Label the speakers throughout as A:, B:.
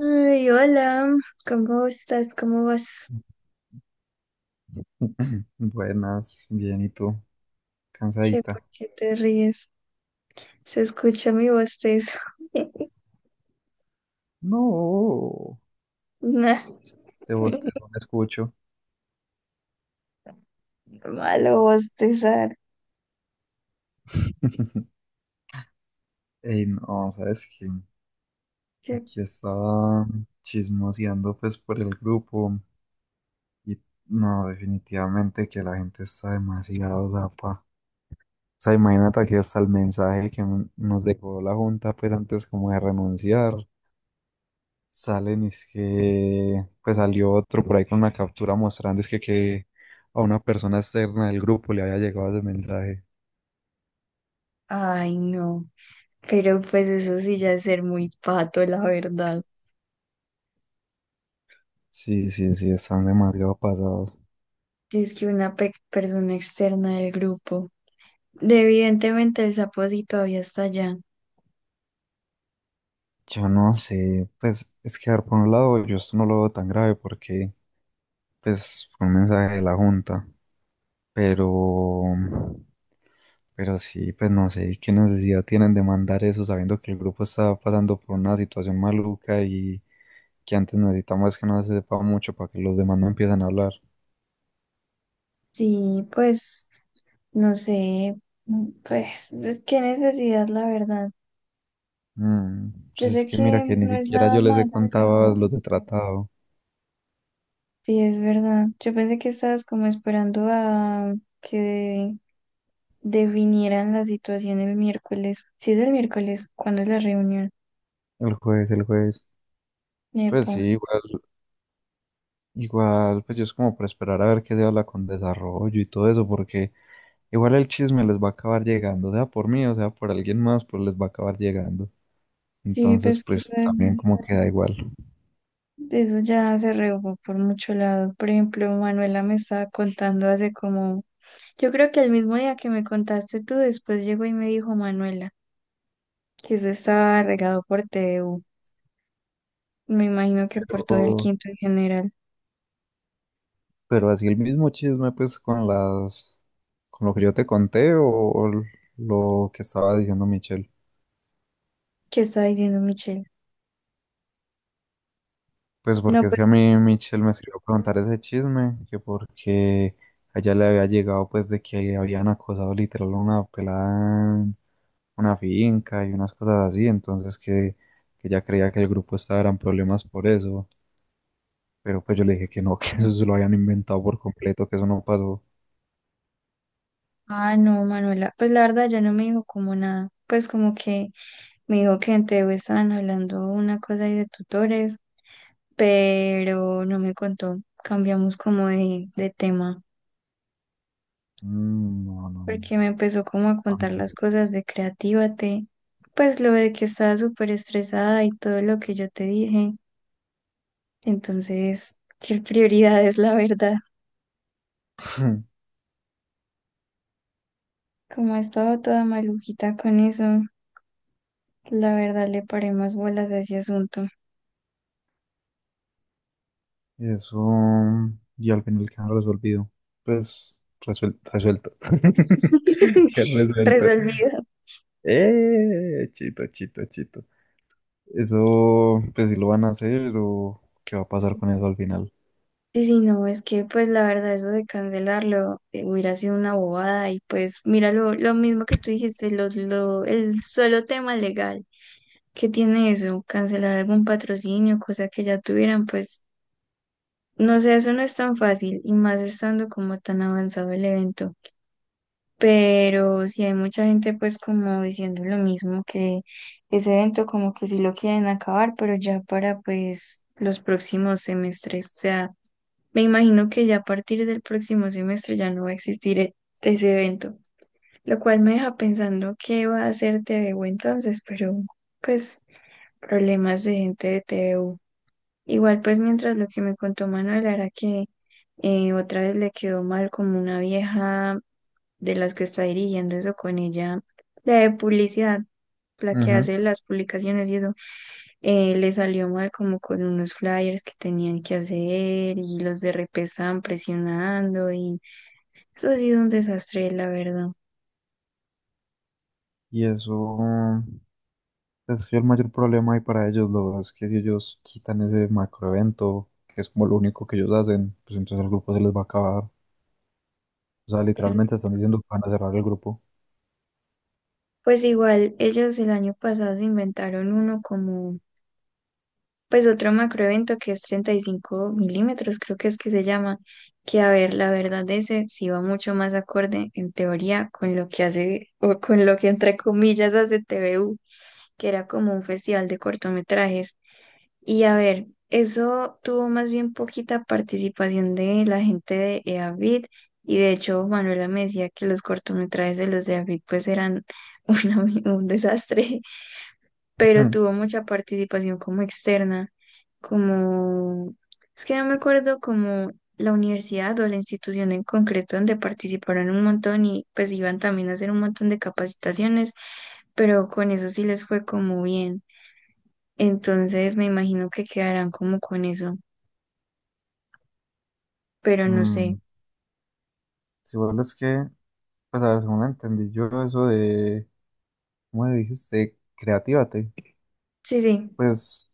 A: Ay, hola, ¿cómo estás? ¿Cómo vas?
B: Buenas, bien, ¿y tú?
A: Che, ¿por
B: ¿Cansadita?
A: qué te ríes? Se escucha mi bostezo.
B: No,
A: Nah,
B: ese bostezo me escucho.
A: malo bostezar.
B: Ey, no, ¿sabes qué?
A: Che.
B: Aquí estaba chismoseando pues por el grupo y no, definitivamente que la gente está demasiado zapa. O sea, imagínate aquí hasta el mensaje que nos dejó la junta pues antes como de renunciar. Salen y es que pues salió otro por ahí con una captura mostrando es que a una persona externa del grupo le había llegado ese mensaje.
A: Ay, no. Pero pues eso sí ya es ser muy pato, la verdad.
B: Sí, sí, sí, están demasiado pasados.
A: Si es que una persona externa del grupo. Evidentemente el sapo sí todavía está allá.
B: Yo no sé, pues es que a ver, por un lado yo esto no lo veo tan grave porque pues fue un mensaje de la junta, pero pero sí, pues no sé qué necesidad tienen de mandar eso sabiendo que el grupo está pasando por una situación maluca y que antes necesitamos que no se sepa mucho para que los demás no empiecen a hablar.
A: Sí, pues, no sé. Pues, es que necesidad, la verdad.
B: Mm, pues
A: Yo sé
B: es que mira
A: que
B: que ni
A: no es
B: siquiera
A: nada
B: yo les he
A: malo,
B: contado
A: pero.
B: los de tratado.
A: Sí, es verdad. Yo pensé que estabas como esperando a que definieran la situación el miércoles. Sí, es el miércoles, ¿cuándo es la reunión?
B: El juez, el juez. Pues
A: Epa.
B: sí, igual, igual, pues yo es como para esperar a ver qué se habla con desarrollo y todo eso, porque igual el chisme les va a acabar llegando, sea por mí o sea por alguien más, pues les va a acabar llegando.
A: Sí,
B: Entonces,
A: pues que eso,
B: pues también como queda igual.
A: eso ya se rehogó por mucho lado. Por ejemplo, Manuela me estaba contando hace como, yo creo que el mismo día que me contaste tú, después llegó y me dijo Manuela que eso estaba regado por TVU. Me imagino que por todo el
B: Pero,
A: quinto en general.
B: pero así el mismo chisme, pues con las, con lo que yo te conté o lo que estaba diciendo Michelle.
A: ¿Qué está diciendo Michelle?
B: Pues
A: No,
B: porque es
A: pues.
B: que a mí Michelle me escribió a preguntar ese chisme, que porque a ella le había llegado pues de que habían acosado literal a una pelada en una finca y unas cosas así, entonces que ella creía que el grupo estaba en problemas por eso, pero pues yo le dije que no, que eso se lo habían inventado por completo, que eso no pasó.
A: Ah, no, Manuela, pues la verdad ya no me dijo como nada, pues como que me dijo que en TV estaban hablando una cosa ahí de tutores, pero no me contó, cambiamos como de tema,
B: Mm, no, no, no.
A: porque me empezó como a
B: A
A: contar
B: mí
A: las cosas de Creatívate, pues lo de que estaba súper estresada y todo lo que yo te dije, entonces, qué prioridades, la verdad, como ha estado toda malujita con eso, la verdad le paré más bolas a ese asunto.
B: eso y al final quedaron resolvido. Pues resuel- resuelto. Ya resuelto.
A: Resolvido.
B: Chito, chito, chito. Eso, pues si lo van a hacer o qué va a pasar
A: Sí,
B: con eso al final.
A: sí, no, es que pues la verdad eso de cancelarlo hubiera sido una bobada y pues mira lo mismo que tú dijiste, el solo tema legal que tiene eso, cancelar algún patrocinio, cosa que ya tuvieran, pues no sé, eso no es tan fácil y más estando como tan avanzado el evento, pero sí hay mucha gente pues como diciendo lo mismo que ese evento como que sí lo quieren acabar, pero ya para pues los próximos semestres, o sea… Me imagino que ya a partir del próximo semestre ya no va a existir ese evento, lo cual me deja pensando qué va a hacer TVU entonces, pero pues problemas de gente de TVU. Igual pues mientras lo que me contó Manuel era que otra vez le quedó mal como una vieja de las que está dirigiendo eso con ella, la de publicidad, la que
B: Ujú.
A: hace las publicaciones y eso. Le salió mal como con unos flyers que tenían que hacer y los de RP estaban presionando y eso ha sido un desastre, la verdad.
B: Y eso es el mayor problema ahí para ellos, lo es que si ellos quitan ese macroevento, que es como lo único que ellos hacen, pues entonces el grupo se les va a acabar. O sea,
A: Es-
B: literalmente están diciendo que van a cerrar el grupo.
A: Pues igual, ellos el año pasado se inventaron uno como, pues otro macroevento que es 35 milímetros, creo que es que se llama, que a ver, la verdad ese sí va mucho más acorde en teoría con lo que hace, o con lo que entre comillas hace TVU, que era como un festival de cortometrajes. Y a ver, eso tuvo más bien poquita participación de la gente de EAVID y de hecho Manuela me decía que los cortometrajes de los de EAVID pues eran una un desastre, pero tuvo mucha participación como externa, como, es que no me acuerdo como la universidad o la institución en concreto donde participaron un montón y pues iban también a hacer un montón de capacitaciones, pero con eso sí les fue como bien. Entonces me imagino que quedarán como con eso, pero no sé.
B: Mm, si igual es que, pues a ver, según entendí yo eso de, ¿cómo le dijiste? Creatívate.
A: Sí, sí.
B: Pues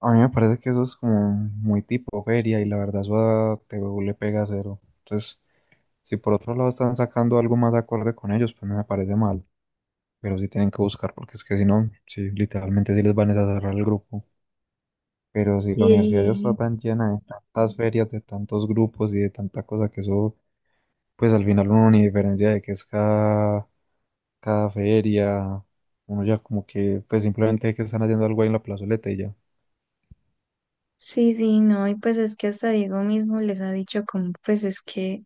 B: a mí me parece que eso es como muy tipo feria y la verdad eso a TVO le pega cero. Entonces, si por otro lado están sacando algo más acorde con ellos, pues no me parece mal. Pero sí tienen que buscar porque es que si no, sí, literalmente sí les van a cerrar el grupo. Pero si la universidad ya está
A: Y
B: tan llena de tantas ferias, de tantos grupos y de tanta cosa que eso, pues al final uno ni diferencia de que es cada, cada feria. Uno ya como que pues simplemente que están haciendo algo ahí en la plazoleta y ya.
A: sí, no, y pues es que hasta Diego mismo les ha dicho como, pues es que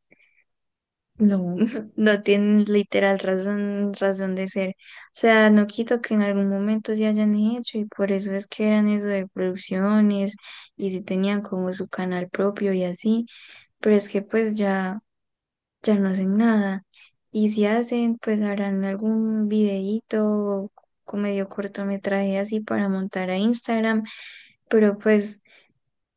A: no, no tienen literal razón de ser. O sea, no quito que en algún momento se hayan hecho y por eso es que eran eso de producciones y si tenían como su canal propio y así, pero es que pues ya. Ya no hacen nada. Y si hacen, pues harán algún videíto o medio cortometraje así para montar a Instagram, pero pues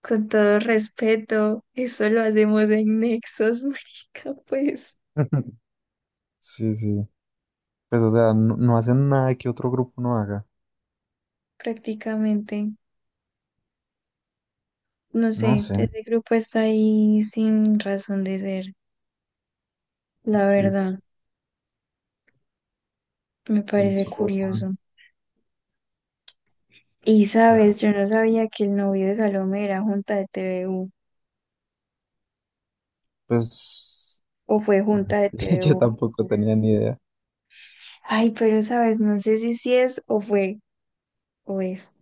A: con todo respeto, eso lo hacemos en Nexos, marica, pues
B: Sí, sí. Pues, o sea, no, no hacen nada que otro grupo no haga.
A: prácticamente, no
B: No
A: sé,
B: sé.
A: ese grupo está ahí sin razón de ser, la
B: Sí, sí,
A: verdad, me parece
B: eso.
A: curioso. Y sabes, yo no sabía que el novio de Salomé era junta de TVU
B: Pues
A: o fue junta de
B: yo
A: TVU.
B: tampoco tenía ni idea.
A: Ay, pero sabes, no sé si sí es o fue o es.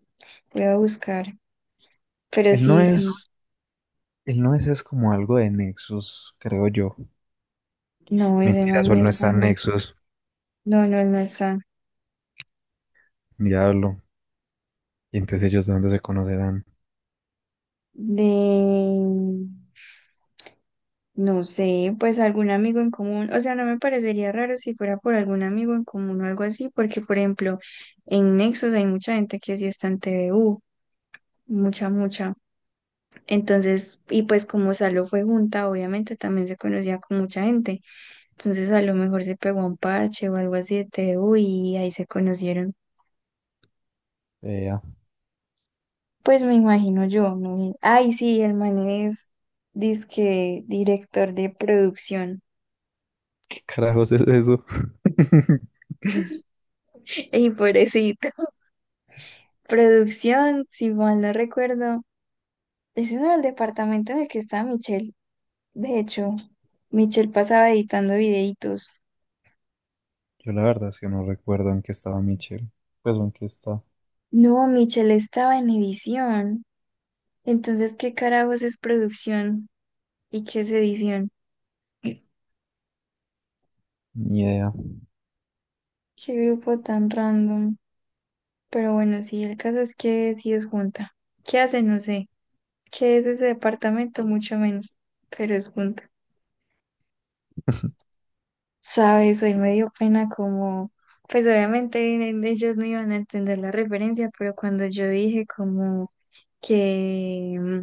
A: Voy a buscar. Pero
B: Él no
A: sí, sí.
B: es, él no es, es como algo de Nexus, creo yo.
A: No, ese
B: Mentiras,
A: man
B: o
A: no
B: él no
A: está.
B: está en
A: No,
B: Nexus,
A: no, no está.
B: diablo. Y entonces ellos de dónde se conocerán.
A: De… No sé, pues algún amigo en común. O sea, no me parecería raro si fuera por algún amigo en común o algo así, porque, por ejemplo, en Nexus hay mucha gente que sí está en TVU. Mucha, mucha. Entonces, y pues como Salo fue junta, obviamente también se conocía con mucha gente. Entonces a lo mejor se pegó un parche o algo así de T TU y ahí se conocieron.
B: Vea,
A: Pues me imagino yo, ¿no? Y- ay, sí, el man es dizque director de producción.
B: ¿qué carajos es eso?
A: Y pobrecito. Producción, si mal no recuerdo. Ese no era el departamento en el que estaba Michelle. De hecho, Michelle pasaba editando videitos.
B: Yo la verdad es que no recuerdo en qué estaba Michelle. Pues en qué está,
A: No, Michelle estaba en edición. Entonces, ¿qué carajos es producción? ¿Y qué es edición?
B: ni idea.
A: Qué grupo tan random. Pero bueno, sí, el caso es que sí es junta. ¿Qué hace? No sé. ¿Qué es ese departamento? Mucho menos, pero es junta. Sabes, hoy me dio pena como, pues obviamente ellos no iban a entender la referencia, pero cuando yo dije como que,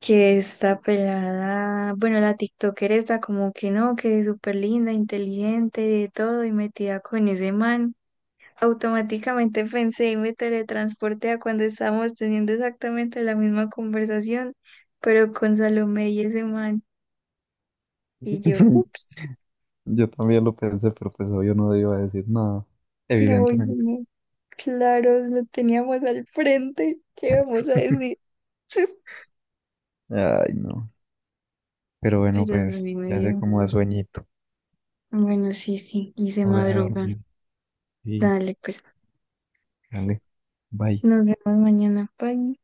A: que esta pelada, bueno, la TikToker está como que no, que es súper linda, inteligente, de todo, y metida con ese man. Automáticamente pensé y me teletransporté a cuando estábamos teniendo exactamente la misma conversación, pero con Salomé y ese man. Y yo, ups,
B: Yo también lo pensé, pero pues yo no iba a decir nada,
A: no, oye,
B: evidentemente.
A: no, claro, lo teníamos al frente, ¿qué vamos a decir?
B: Ay, no. Pero bueno,
A: Pero así
B: pues
A: me
B: ya sé
A: dio.
B: cómo da sueñito.
A: Bueno, sí, sí, y se
B: Hora de
A: madruga.
B: dormir. Y
A: Dale, pues,
B: dale. Bye.
A: nos vemos mañana. Bye.